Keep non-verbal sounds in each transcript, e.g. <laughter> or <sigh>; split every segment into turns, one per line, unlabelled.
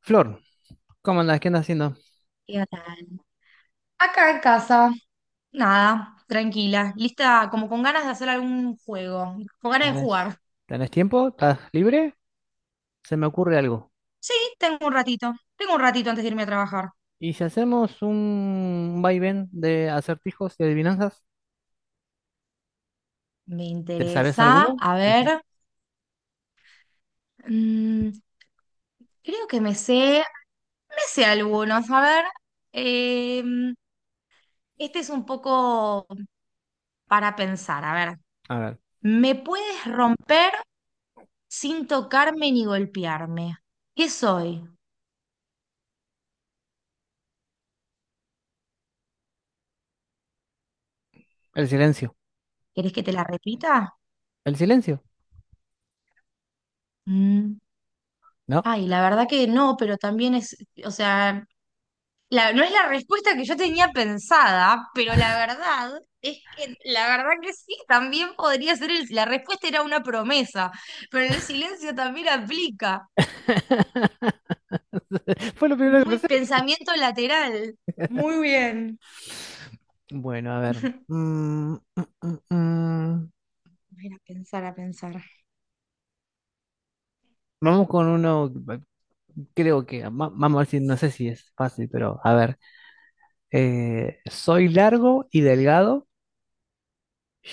Flor, ¿cómo andás? ¿Qué andas haciendo?
¿Qué tal? Acá en casa, nada, tranquila, lista, como con ganas de hacer algún juego, con ganas de
¿Tenés,
jugar.
tenés tiempo? ¿Estás libre? Se me ocurre algo.
Sí, tengo un ratito antes de irme a trabajar.
¿Y si hacemos un vaivén de acertijos y adivinanzas?
Me
¿Te sabes
interesa,
alguno?
a
Ese-
ver, mm, creo que me sé algunos, a ver, em, este es un poco para pensar, a ver,
A ver,
¿me puedes romper sin tocarme ni golpearme? ¿Qué soy?
el silencio.
¿Querés que te la repita?
¿El silencio?
Mm.
No.
Ay, la verdad que no, pero también es, o sea, no es la respuesta que yo tenía pensada, pero la verdad es que, la verdad que sí, también podría ser, la respuesta era una promesa, pero el silencio también aplica.
<laughs> Fue lo primero que
Muy
pensé.
pensamiento lateral. Muy bien.
Bueno, a ver.
<laughs>
Mm, mm, mm, mm.
A ver, a pensar, a pensar.
Vamos con uno, eh, creo que, vamos a ver si, no sé si es fácil, pero a ver. Soy largo y delgado,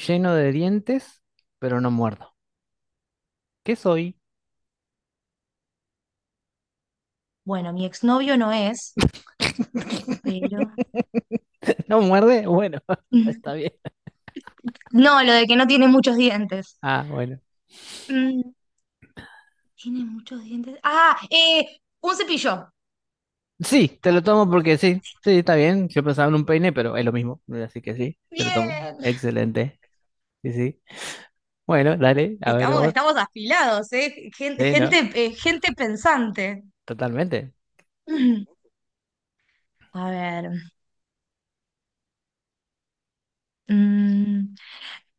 lleno de dientes, pero no muerdo. ¿Qué soy?
Bueno, mi exnovio no es, pero...
<laughs> ¿No muerde? Bueno, <laughs> está
<laughs>
bien.
No, lo de que no tiene muchos dientes.
Ah, bueno.
Mm, tiene muchos dientes. Un cepillo.
Sí, te lo tomo porque sí, sí, está bien. Yo pensaba en un peine, pero es lo mismo. Así que sí, te lo tomo.
Bien.
Excelente. Sí, sí. Bueno, dale, a ver
Estamos,
vos.
estamos afilados, ¿eh? Gente,
Sí, ¿no?
gente, eh, gente pensante.
Totalmente.
<clears throat> A ver. mm,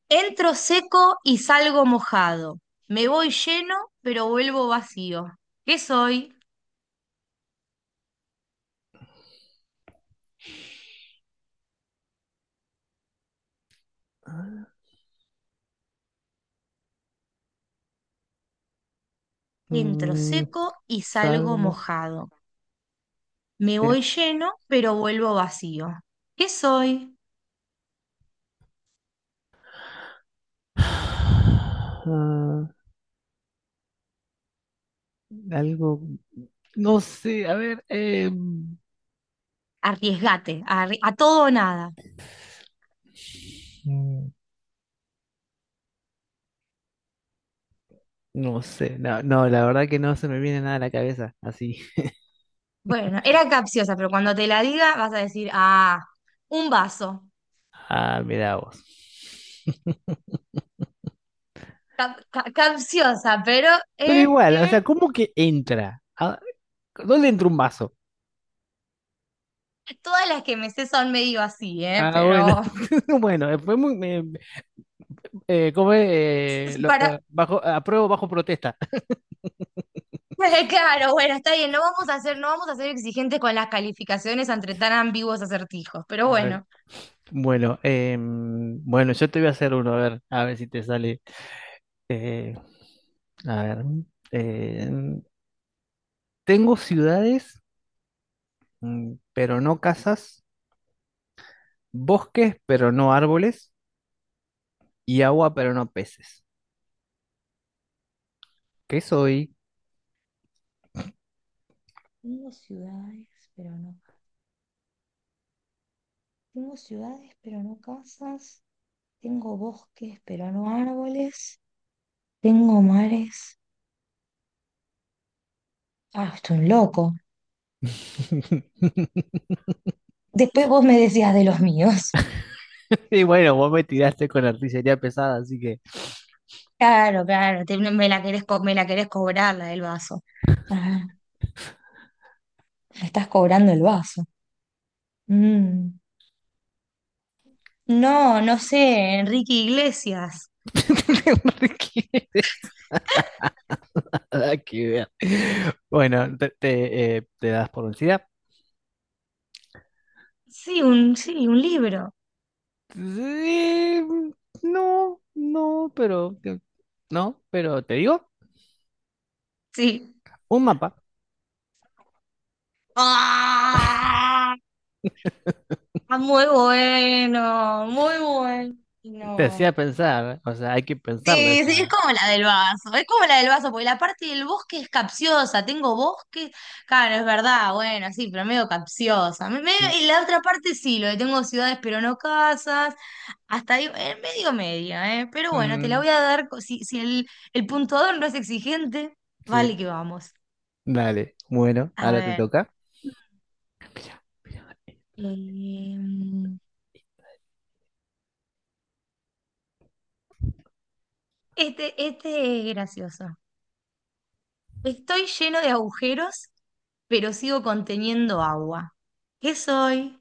entro seco y salgo mojado. Me voy lleno, pero vuelvo vacío. ¿Qué soy? Entro
Mm,
seco y
salgo
salgo
moj-
mojado. Me
sí.
voy lleno, pero vuelvo vacío. ¿Qué soy?
<sighs> Ah, algo, no sé, a ver,
Arriesgate, a todo o nada.
no sé, no, no, la verdad que no se me viene nada a la cabeza, así.
Bueno, era capciosa, pero cuando te la diga vas a decir, ah, un vaso.
Ah, mira vos.
Capciosa, pero
Pero
eh,
igual, o sea,
eh,
¿cómo que entra? Ah, ¿dónde entra un vaso?
todas las que me sé son medio así,
Ah, bueno,
pero
<laughs> bueno, fue muy, ¿cómo es?
<laughs> para
Bajo, apruebo bajo protesta. <laughs>
<laughs> claro, bueno, está bien, no vamos a ser exigentes con las calificaciones entre tan ambiguos acertijos, pero
Dale.
bueno.
Bueno, bueno, yo te voy a hacer uno, a ver si te sale. Eh, a ver, em, tengo ciudades, mm, pero no casas, bosques, pero no árboles, y agua, pero no peces. ¿Qué soy?
Tengo ciudades, pero no. Tengo ciudades, pero no casas. Tengo bosques, pero no árboles. Tengo mares. Ah, estoy un loco.
<laughs>
Después vos me decías de los míos.
Y bueno, vos me tiraste con artillería pesada, así que
Claro, claro, me la querés, me la querés cobrar la del vaso. Le estás cobrando el vaso. Mm. No, no sé, Enrique Iglesias.
<laughs> no requieres nada que ver. Bueno, ¿te das por vencida?
Sí, un libro.
Sí, no, no, pero no, pero te digo,
Sí.
un mapa
¡Ah! Muy bueno, muy
te hacía
bueno.
pensar, o sea, hay que pensarle
Sí,
esa.
sí, es como la del vaso, es como la del vaso, porque la parte del bosque es capciosa, tengo bosque, claro, es verdad, bueno, sí, pero medio capciosa.
Sí.
Y la otra parte sí, lo de tengo ciudades pero no casas, hasta ahí, medio media, ¿eh? Pero bueno, te la
Mm,
voy a dar. Si, si el, el puntuador no es exigente, vale
sí,
que vamos.
dale. Bueno,
A
ahora te
ver.
toca.
em, este es gracioso. Estoy lleno de agujeros, pero sigo conteniendo agua. ¿Qué soy?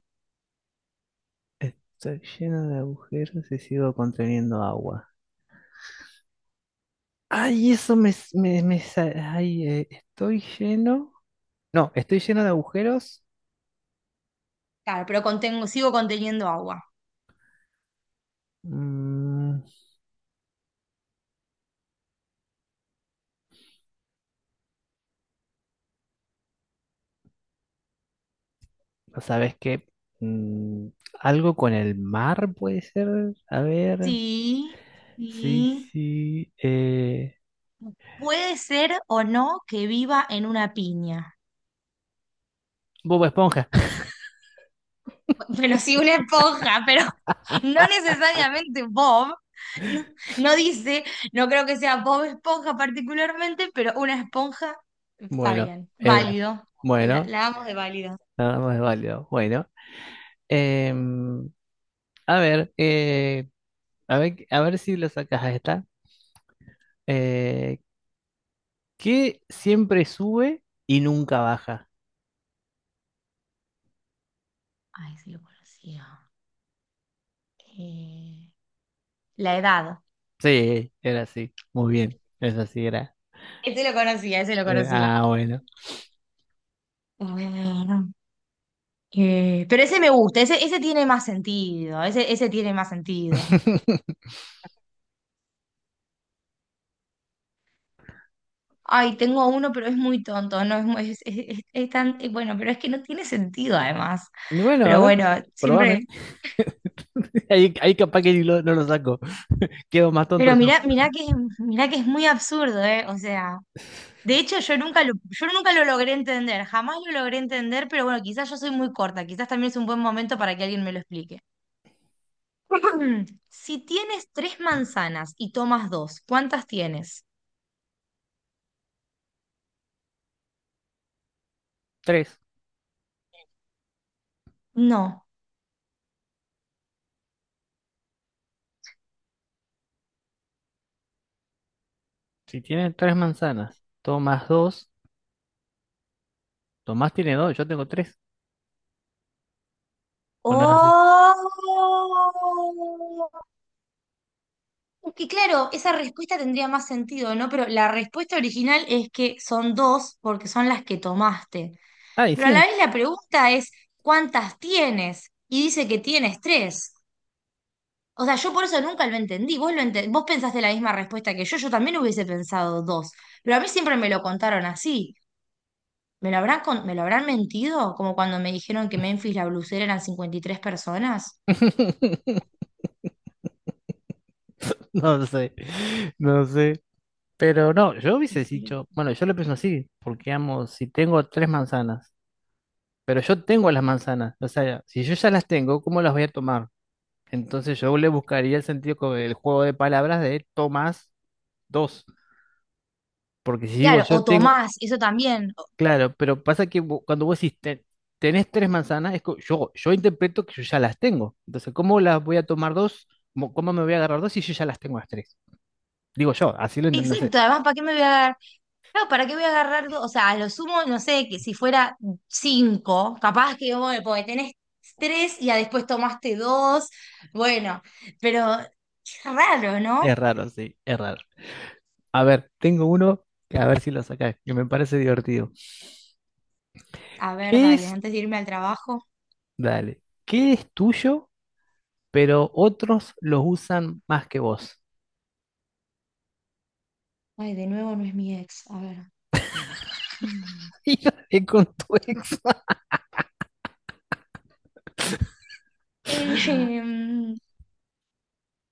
Está lleno de agujeros y sigo conteniendo agua. Ay, eso me, s- me sa- ay, estoy lleno. No, estoy lleno de agujeros.
Claro, pero contengo, sigo conteniendo agua.
Mm, ¿no ¿sabes qué? Mm, algo con el mar puede ser. A ver.
Sí,
Sí,
sí.
sí.
Puede ser o no que viva en una piña.
Bob Esponja. <laughs>
Pero sí una esponja, pero <laughs> no necesariamente Bob. No, no dice, no creo que sea Bob Esponja particularmente, pero una esponja está
Bueno,
bien,
era una-
válido. La,
bueno,
la amo de válido.
nada más válido. Bueno, em, a ver, a ver, a ver si lo sacas a esta. Eh, ¿Qué siempre sube y nunca baja?
Ay, sí lo conocía. Eh, la edad.
Sí, era así. Muy bien. Eso sí era.
Ese lo conocía, ese lo conocía.
Bueno.
Bueno, pero ese me gusta, ese tiene más sentido, ese tiene más sentido.
<laughs>
Ay, tengo uno, pero es muy tonto, no es muy, es, es tan, bueno, pero es que no tiene sentido además.
Y bueno, a
Pero
ver,
bueno, siempre,
probame. <laughs> Ahí, capaz que ni lo- no lo saco. Quedo más tonto
pero
yo.
mirá, mirá que es muy absurdo, ¿eh? O sea, de hecho yo nunca lo logré entender, jamás lo logré entender, pero bueno, quizás yo soy muy corta, quizás también es un buen momento para que alguien me lo explique. <clears throat> Si tienes tres manzanas y tomas dos, ¿cuántas tienes?
Tres.
No.
Si tiene tres manzanas, Tomás dos. Tomás tiene dos, yo tengo tres. ¿O no es así?
¡Oh! Es que claro, esa respuesta tendría más sentido, ¿no? Pero la respuesta original es que son dos porque son las que tomaste.
Ay,
Pero a la
sí.
vez la pregunta es, ¿cuántas tienes? Y dice que tienes tres. O sea, yo por eso nunca lo entendí. Vos, vos pensaste la misma respuesta que yo también hubiese pensado dos. Pero a mí siempre me lo contaron así. ¿Me lo habrán, me lo habrán mentido? Como cuando me dijeron que Memphis la blusera eran 53 personas.
<laughs> No sé. No sé. Pero no, yo hubiese
Espero.
dicho, bueno, yo lo pienso así, porque amo, si tengo tres manzanas, pero yo tengo las manzanas, o sea, si yo ya las tengo, ¿cómo las voy a tomar? Entonces yo le buscaría el sentido con el juego de palabras de Tomás dos. Porque si digo
Claro,
yo
o
tengo,
Tomás, eso también.
claro, pero pasa que cuando vos decís "Ten- tenés tres manzanas", es que yo interpreto que yo ya las tengo. Entonces, ¿cómo las voy a tomar dos? ¿Cómo me voy a agarrar dos si yo ya las tengo las tres? Digo yo, así lo entiendo, no sé.
Exacto, además, ¿para qué me voy a agarrar? Claro, ¿para qué voy a agarrar? O sea, a lo sumo, no sé, que si fuera cinco, capaz que, bueno, porque tenés tres y ya después tomaste dos, bueno, pero es raro, ¿no?
Es raro, sí, es raro. A ver, tengo uno que a ver si lo sacás, que me parece divertido.
A ver,
¿Qué
dale,
es?
antes de irme al trabajo.
Dale, ¿qué es tuyo, pero otros los usan más que vos?
Ay, de nuevo no es mi ex, a ver. Mm.
<laughs>
<laughs>
Hija con tu ex.
Eh, em,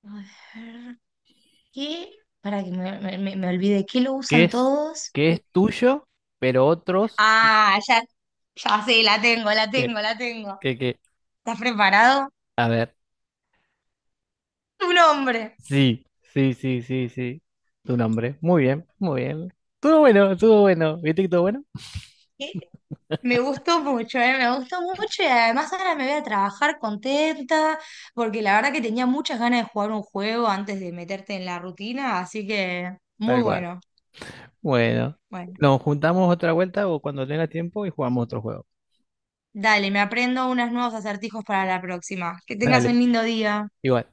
a ver, ¿qué? Para que me olvide, ¿qué lo
que
usan
es,
todos?
que es tuyo, pero otros
Ah, ya, ya sí, la tengo, la
que,
tengo, la tengo.
que, que,
¿Estás preparado?
a ver,
Tu nombre.
sí, sí, sí, sí, sí, tu nombre, muy bien, todo bueno, ¿viste que todo bueno?
¿Qué? Me gustó mucho, ¿eh? Me gustó mucho y además ahora me voy a trabajar contenta porque la verdad que tenía muchas ganas de jugar un juego antes de meterte en la rutina, así que muy
Tal cual,
bueno.
bueno,
Bueno,
nos juntamos otra vuelta o cuando tenga tiempo y jugamos otro juego,
dale, me aprendo unos nuevos acertijos para la próxima. Que tengas
dale,
un lindo día.
igual.